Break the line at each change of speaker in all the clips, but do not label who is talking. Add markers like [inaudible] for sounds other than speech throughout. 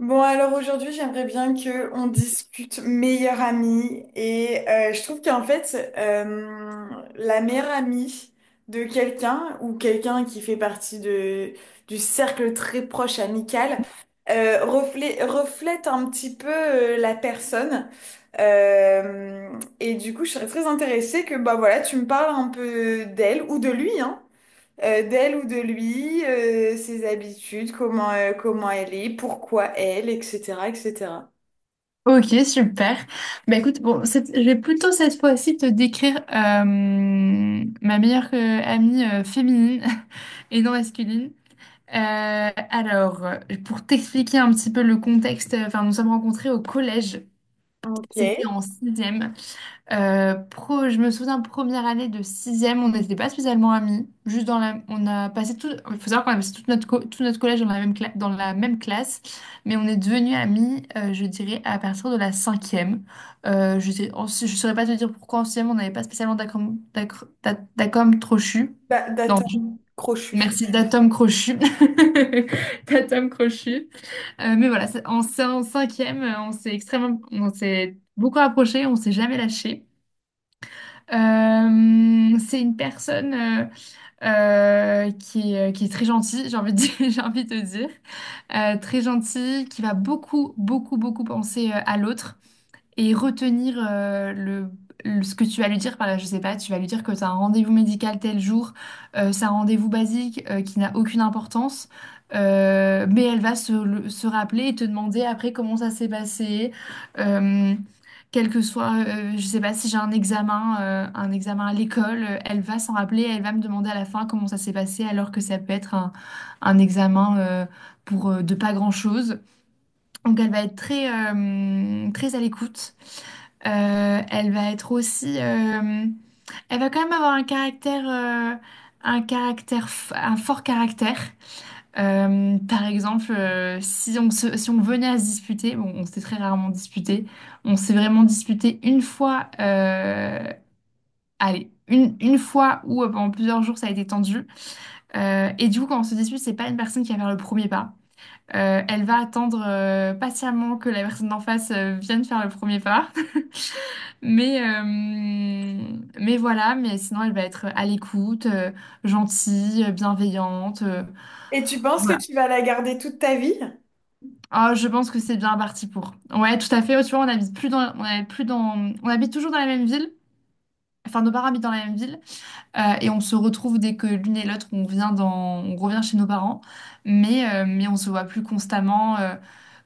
Bon, alors aujourd'hui, j'aimerais bien que on discute meilleure amie. Et je trouve qu'en fait, la meilleure amie de quelqu'un ou quelqu'un qui fait partie du cercle très proche amical, reflète un petit peu, la personne. Euh, et du coup, je serais très intéressée que, bah voilà, tu me parles un peu d'elle ou de lui, hein, d'elle ou de lui, ses habitudes, comment, comment elle est, pourquoi elle, etc., etc.
Ok, super. Bah écoute, bon, je vais plutôt cette fois-ci te décrire ma meilleure amie féminine [laughs] et non masculine. Euh, alors, euh, pour t'expliquer un petit peu le contexte, enfin, nous sommes rencontrés au collège. C'était
Ok.
en sixième. Je me souviens, première année de sixième, on n'était pas spécialement amis. Juste dans la, on a passé tout, Il faut savoir qu'on a passé tout notre collège dans la dans la même classe, mais on est devenus amis, je dirais, à partir de la cinquième. Je saurais pas te dire pourquoi en sixième on n'avait pas spécialement d'accom crochu.
Bah,
Non,
d'atome crochu.
merci, d'atom crochu, [laughs] d'atom crochu. Mais voilà, c'est en cinquième, on s'est beaucoup approché, on s'est jamais lâché. C'est une personne qui est très gentille, j'ai envie de dire- [laughs] j'ai envie de te dire. Très gentille, qui va beaucoup, beaucoup, beaucoup penser à l'autre et retenir ce que tu vas lui dire par là, je sais pas, tu vas lui dire que tu as un rendez-vous médical tel jour, c'est un rendez-vous basique qui n'a aucune importance, mais elle va se rappeler et te demander après comment ça s'est passé, euh, quel que soit, je sais pas si j'ai un examen à l'école, elle va s'en rappeler, elle va me demander à la fin comment ça s'est passé alors que ça peut être un examen pour de pas grand-chose. Donc elle va être très à l'écoute. Euh, elle va être aussi, euh, Elle va quand même avoir un un un fort caractère. Par exemple, si on venait à se disputer, bon, on s'est très rarement disputé. On s'est vraiment disputé une fois. Une fois où pendant plusieurs jours ça a été tendu. Et du coup, quand on se dispute, c'est pas une personne qui va faire le premier pas. Elle va attendre patiemment que la personne d'en face vienne faire le premier pas. [laughs] Mais, euh, mais voilà, mais sinon elle va être à l'écoute, gentille, bienveillante.
Et tu penses que
Voilà.
tu vas la garder toute ta vie?
Ah, je pense que c'est bien parti pour. Ouais, tout à fait. Oh, tu vois, on habite toujours dans la même ville. Enfin, nos parents habitent dans la même ville et on se retrouve dès que l'une et l'autre on revient chez nos parents, mais on se voit plus constamment.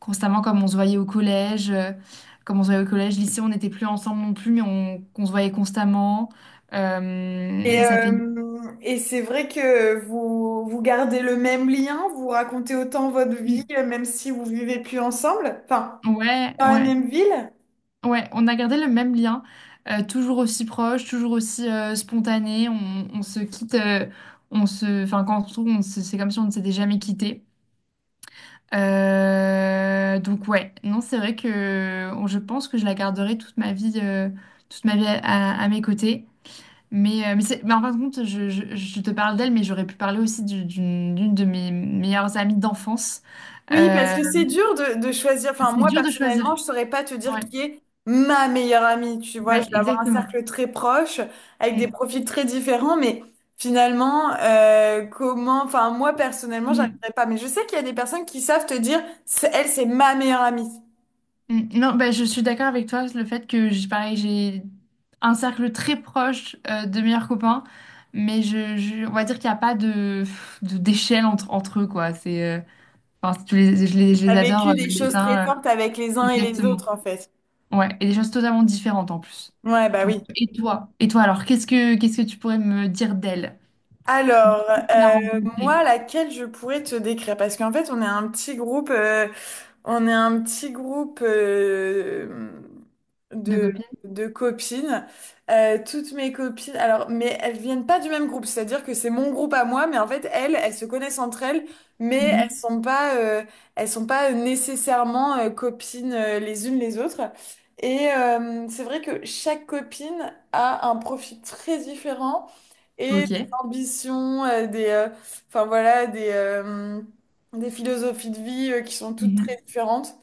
Constamment comme on se voyait au collège, comme on se voyait au collège, lycée, on n'était plus ensemble non plus, qu'on se voyait constamment. Ça fait...
Et c'est vrai que vous, vous gardez le même lien, vous racontez autant votre vie,
Mm.
même si vous vivez plus ensemble, enfin,
Ouais,
dans la
ouais,
même ville.
ouais, on a gardé le même lien, toujours aussi proche, toujours aussi spontané, on se quitte, Enfin, quand on se trouve, c'est comme si on ne s'était jamais quitté. Donc ouais, non, c'est vrai que je pense que je la garderai toute ma vie, toute ma vie à, à mes côtés. Mais en fin de compte, je te parle d'elle, mais j'aurais pu parler aussi d'une de mes meilleures amies d'enfance.
Oui, parce
Euh,
que c'est dur de choisir. Enfin,
c'est
moi,
dur de choisir.
personnellement, je saurais pas te dire
Ouais,
qui est ma meilleure amie. Tu vois, je
ouais,
vais avoir un
exactement.
cercle très proche, avec des
Mm,
profils très différents, mais finalement, comment... Enfin, moi, personnellement,
mm,
j'arriverai pas. Mais je sais qu'il y a des personnes qui savent te dire, c'est- elle, c'est ma meilleure amie.
mm. Non, bah, je suis d'accord avec toi, le fait que j'ai pareil, j'ai un cercle très proche de meilleurs copains, mais on va dire qu'il n'y a pas d'échelle entre eux, quoi. Enfin, je
T'as
les adore
vécu des
les
choses très
uns,
fortes avec les uns et les
exactement.
autres, en fait.
Ouais, et des choses totalement différentes en plus.
Ouais, bah
Donc,
oui.
et toi? Et toi, alors, qu'est-ce que tu pourrais me dire d'elle?
Alors,
Depuis que tu l'as
euh,
rencontrée
moi, laquelle je pourrais te décrire? Parce qu'en fait, on est un petit groupe. On est un petit groupe
de
de,
copine?
de copines. Toutes mes copines, alors, mais elles viennent pas du même groupe, c'est-à-dire que c'est mon groupe à moi, mais en fait, elles, elles se connaissent entre elles, mais
Mhm.
elles sont pas nécessairement, copines, les unes les autres. Et c'est vrai que chaque copine a un profil très différent et
Ok.
des ambitions, enfin voilà, des philosophies de vie, qui sont toutes
Mhm.
très différentes.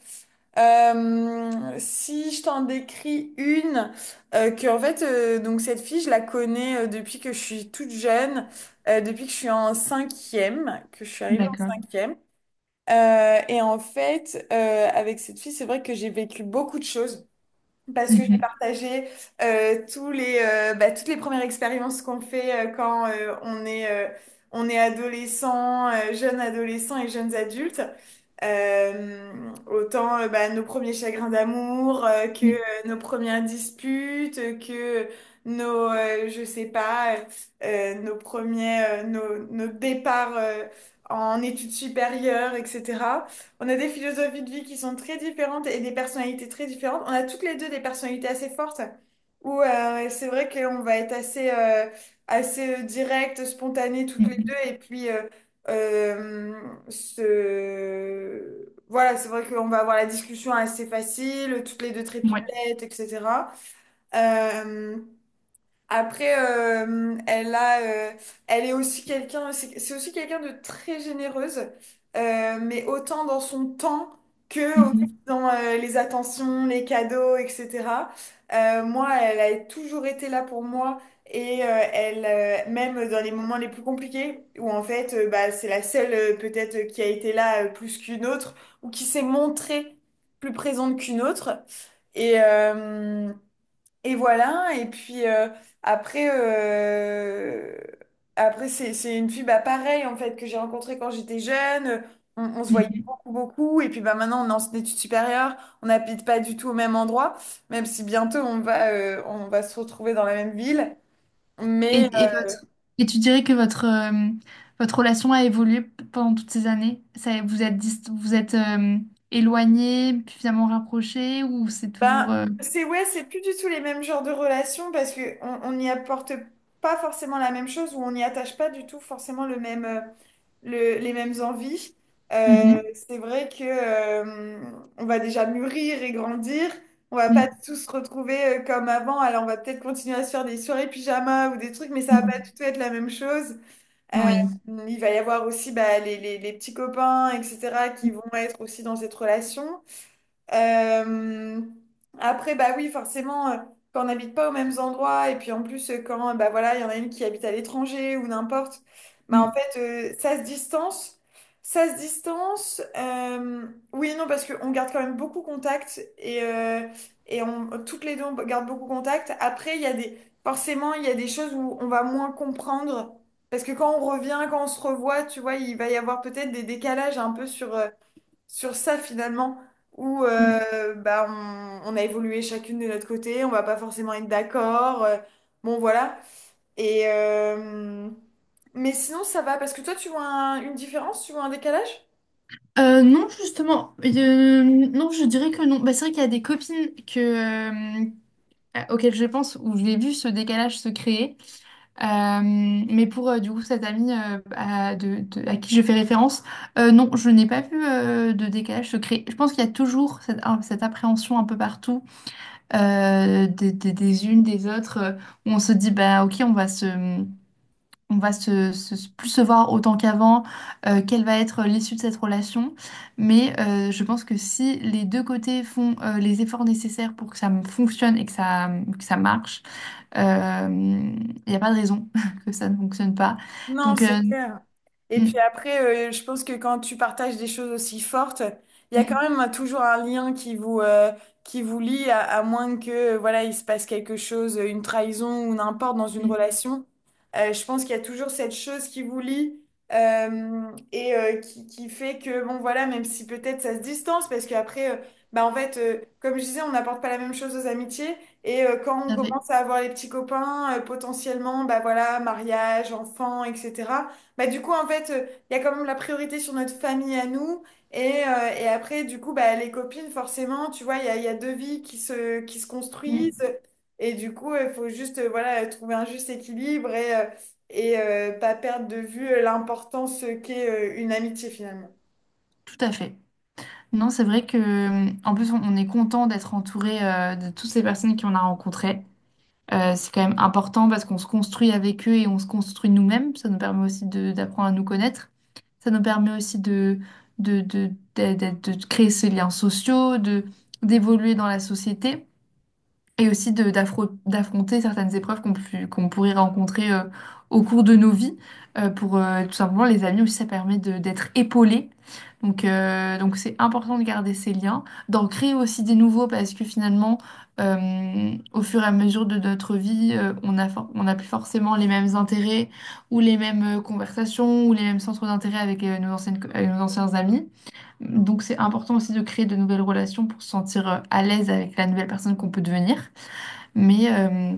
Si je t'en décris une, donc cette fille, je la connais, depuis que je suis toute jeune, depuis que je suis en cinquième, que je suis arrivée en
D'accord.
cinquième. Et en fait, avec cette fille, c'est vrai que j'ai vécu beaucoup de choses. Parce que j'ai
Mhm.
partagé, bah, toutes les premières expériences qu'on fait, quand, on est adolescent, jeune adolescent et jeunes adultes. Euh, autant, bah, nos premiers chagrins d'amour, que
Mhm.
nos premières disputes, que nos, je sais pas, nos premiers, nos départs, en études supérieures, etc. On a des philosophies de vie qui sont très différentes et des personnalités très différentes. On a toutes les deux des personnalités assez fortes où, c'est vrai qu'on va être assez, direct, spontané toutes les deux. Et puis, euh, voilà, c'est vrai qu'on va avoir la discussion assez facile, toutes les deux très
Mhm. Ouais.
pipelettes, etc. Euh, après, euh, elle est aussi quelqu'un, c'est aussi quelqu'un de très généreuse, mais autant dans son temps que aussi
Mhm.
dans, les attentions, les cadeaux, etc. Moi, elle a toujours été là pour moi et, même dans les moments les plus compliqués, où en fait, bah, c'est la seule, peut-être, qui a été là, plus qu'une autre ou qui s'est montrée plus présente qu'une autre. Et, et voilà, et puis, après, euh, après c'est une fille, bah, pareil en fait, que j'ai rencontrée quand j'étais jeune. On se voyait
Mhm.
beaucoup, beaucoup. Et puis bah, maintenant, on est en études supérieures, on n'habite pas du tout au même endroit, même si bientôt on va se retrouver dans la même ville.
Et,
Mais
et votre et tu dirais que votre votre relation a évolué pendant toutes ces années? Ça, vous êtes éloignés, puis finalement rapprochés, ou c'est toujours
bah, c'est, ouais, c'est plus du tout les mêmes genres de relations parce que on n'y apporte pas forcément la même chose ou on n'y attache pas du tout forcément le même. Les mêmes envies. Euh,
Mhm.
c'est vrai que, on va déjà mûrir et grandir. On va pas tous se retrouver, comme avant. Alors on va peut-être continuer à se faire des soirées pyjama ou des trucs, mais ça va pas
Mhm.
du tout être la même chose.
Mhm.
Euh,
Oui.
il va y avoir aussi bah, les petits copains, etc., qui vont être aussi dans cette relation. Euh, après, bah oui, forcément, quand on n'habite pas aux mêmes endroits, et puis en plus, quand bah voilà, il y en a une qui habite à l'étranger ou n'importe, bah en fait, ça se distance. Ça se distance. Oui, et non, parce qu'on garde quand même beaucoup contact et on, toutes les deux, on garde beaucoup contact. Après, il y a des, forcément, il y a des choses où on va moins comprendre. Parce que quand on revient, quand on se revoit, tu vois, il va y avoir peut-être des décalages un peu sur, sur ça finalement, où,
Mhm.
bah, on a évolué chacune de notre côté, on va pas forcément être d'accord. Bon, voilà. Et, mais sinon, ça va, parce que toi, tu vois un- une différence, tu vois un décalage?
Non, justement, non, je dirais que non. Bah, c'est vrai qu'il y a des copines auxquelles je pense où j'ai vu ce décalage se créer. Mais pour du coup cette amie à qui je fais référence, non, je n'ai pas vu de décalage se créer. Je pense qu'il y a toujours cette appréhension un peu partout des unes, des autres, où on se dit, bah ok, on va plus se voir autant qu'avant, quelle va être l'issue de cette relation. Mais je pense que si les deux côtés font les efforts nécessaires pour que ça me fonctionne et que ça marche, il n'y a pas de raison [laughs] que ça ne fonctionne pas.
Non,
Donc,
c'est clair. Et
mm,
puis après, je pense que quand tu partages des choses aussi fortes, il y a quand
mm,
même un- toujours un lien qui vous lie, à moins que, voilà, il se passe quelque chose, une trahison ou n'importe dans
mm,
une
mm,
relation. Je pense qu'il y a toujours cette chose qui vous lie, qui fait que, bon voilà, même si peut-être ça se distance, parce qu'après, bah, en fait, comme je disais, on n'apporte pas la même chose aux amitiés. Et quand on
tout à fait.
commence à avoir les petits copains, potentiellement, bah voilà, mariage, enfants, etc. Bah, du coup, en fait, il y a quand même la priorité sur notre famille à nous. Et, et après, du coup, bah, les copines, forcément, tu vois, il y a deux vies qui se construisent.
Mm,
Et du coup, il faut juste, voilà, trouver un juste équilibre et, pas perdre de vue l'importance qu'est, une amitié finalement.
tout à fait. Non, c'est vrai que, en plus, on est content d'être entouré de toutes ces personnes qu'on a rencontrées. C'est quand même important parce qu'on se construit avec eux et on se construit nous-mêmes. Ça nous permet aussi d'apprendre à nous connaître. Ça nous permet aussi de, de, de créer ces liens sociaux, de, d'évoluer dans la société et aussi d'affronter certaines épreuves qu'on pourrait rencontrer au cours de nos vies. Pour Tout simplement, les amis aussi, ça permet d'être épaulé. Donc c'est important de garder ces liens, d'en créer aussi des nouveaux parce que finalement, au fur et à mesure de notre vie, on n'a plus forcément les mêmes intérêts ou les mêmes conversations ou les mêmes centres d'intérêt avec avec nos anciens amis. Donc, c'est important aussi de créer de nouvelles relations pour se sentir à l'aise avec la nouvelle personne qu'on peut devenir. Mais, euh,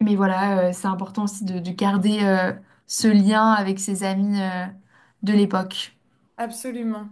mais voilà, c'est important aussi de garder ce lien avec ses amis de l'époque.
Absolument.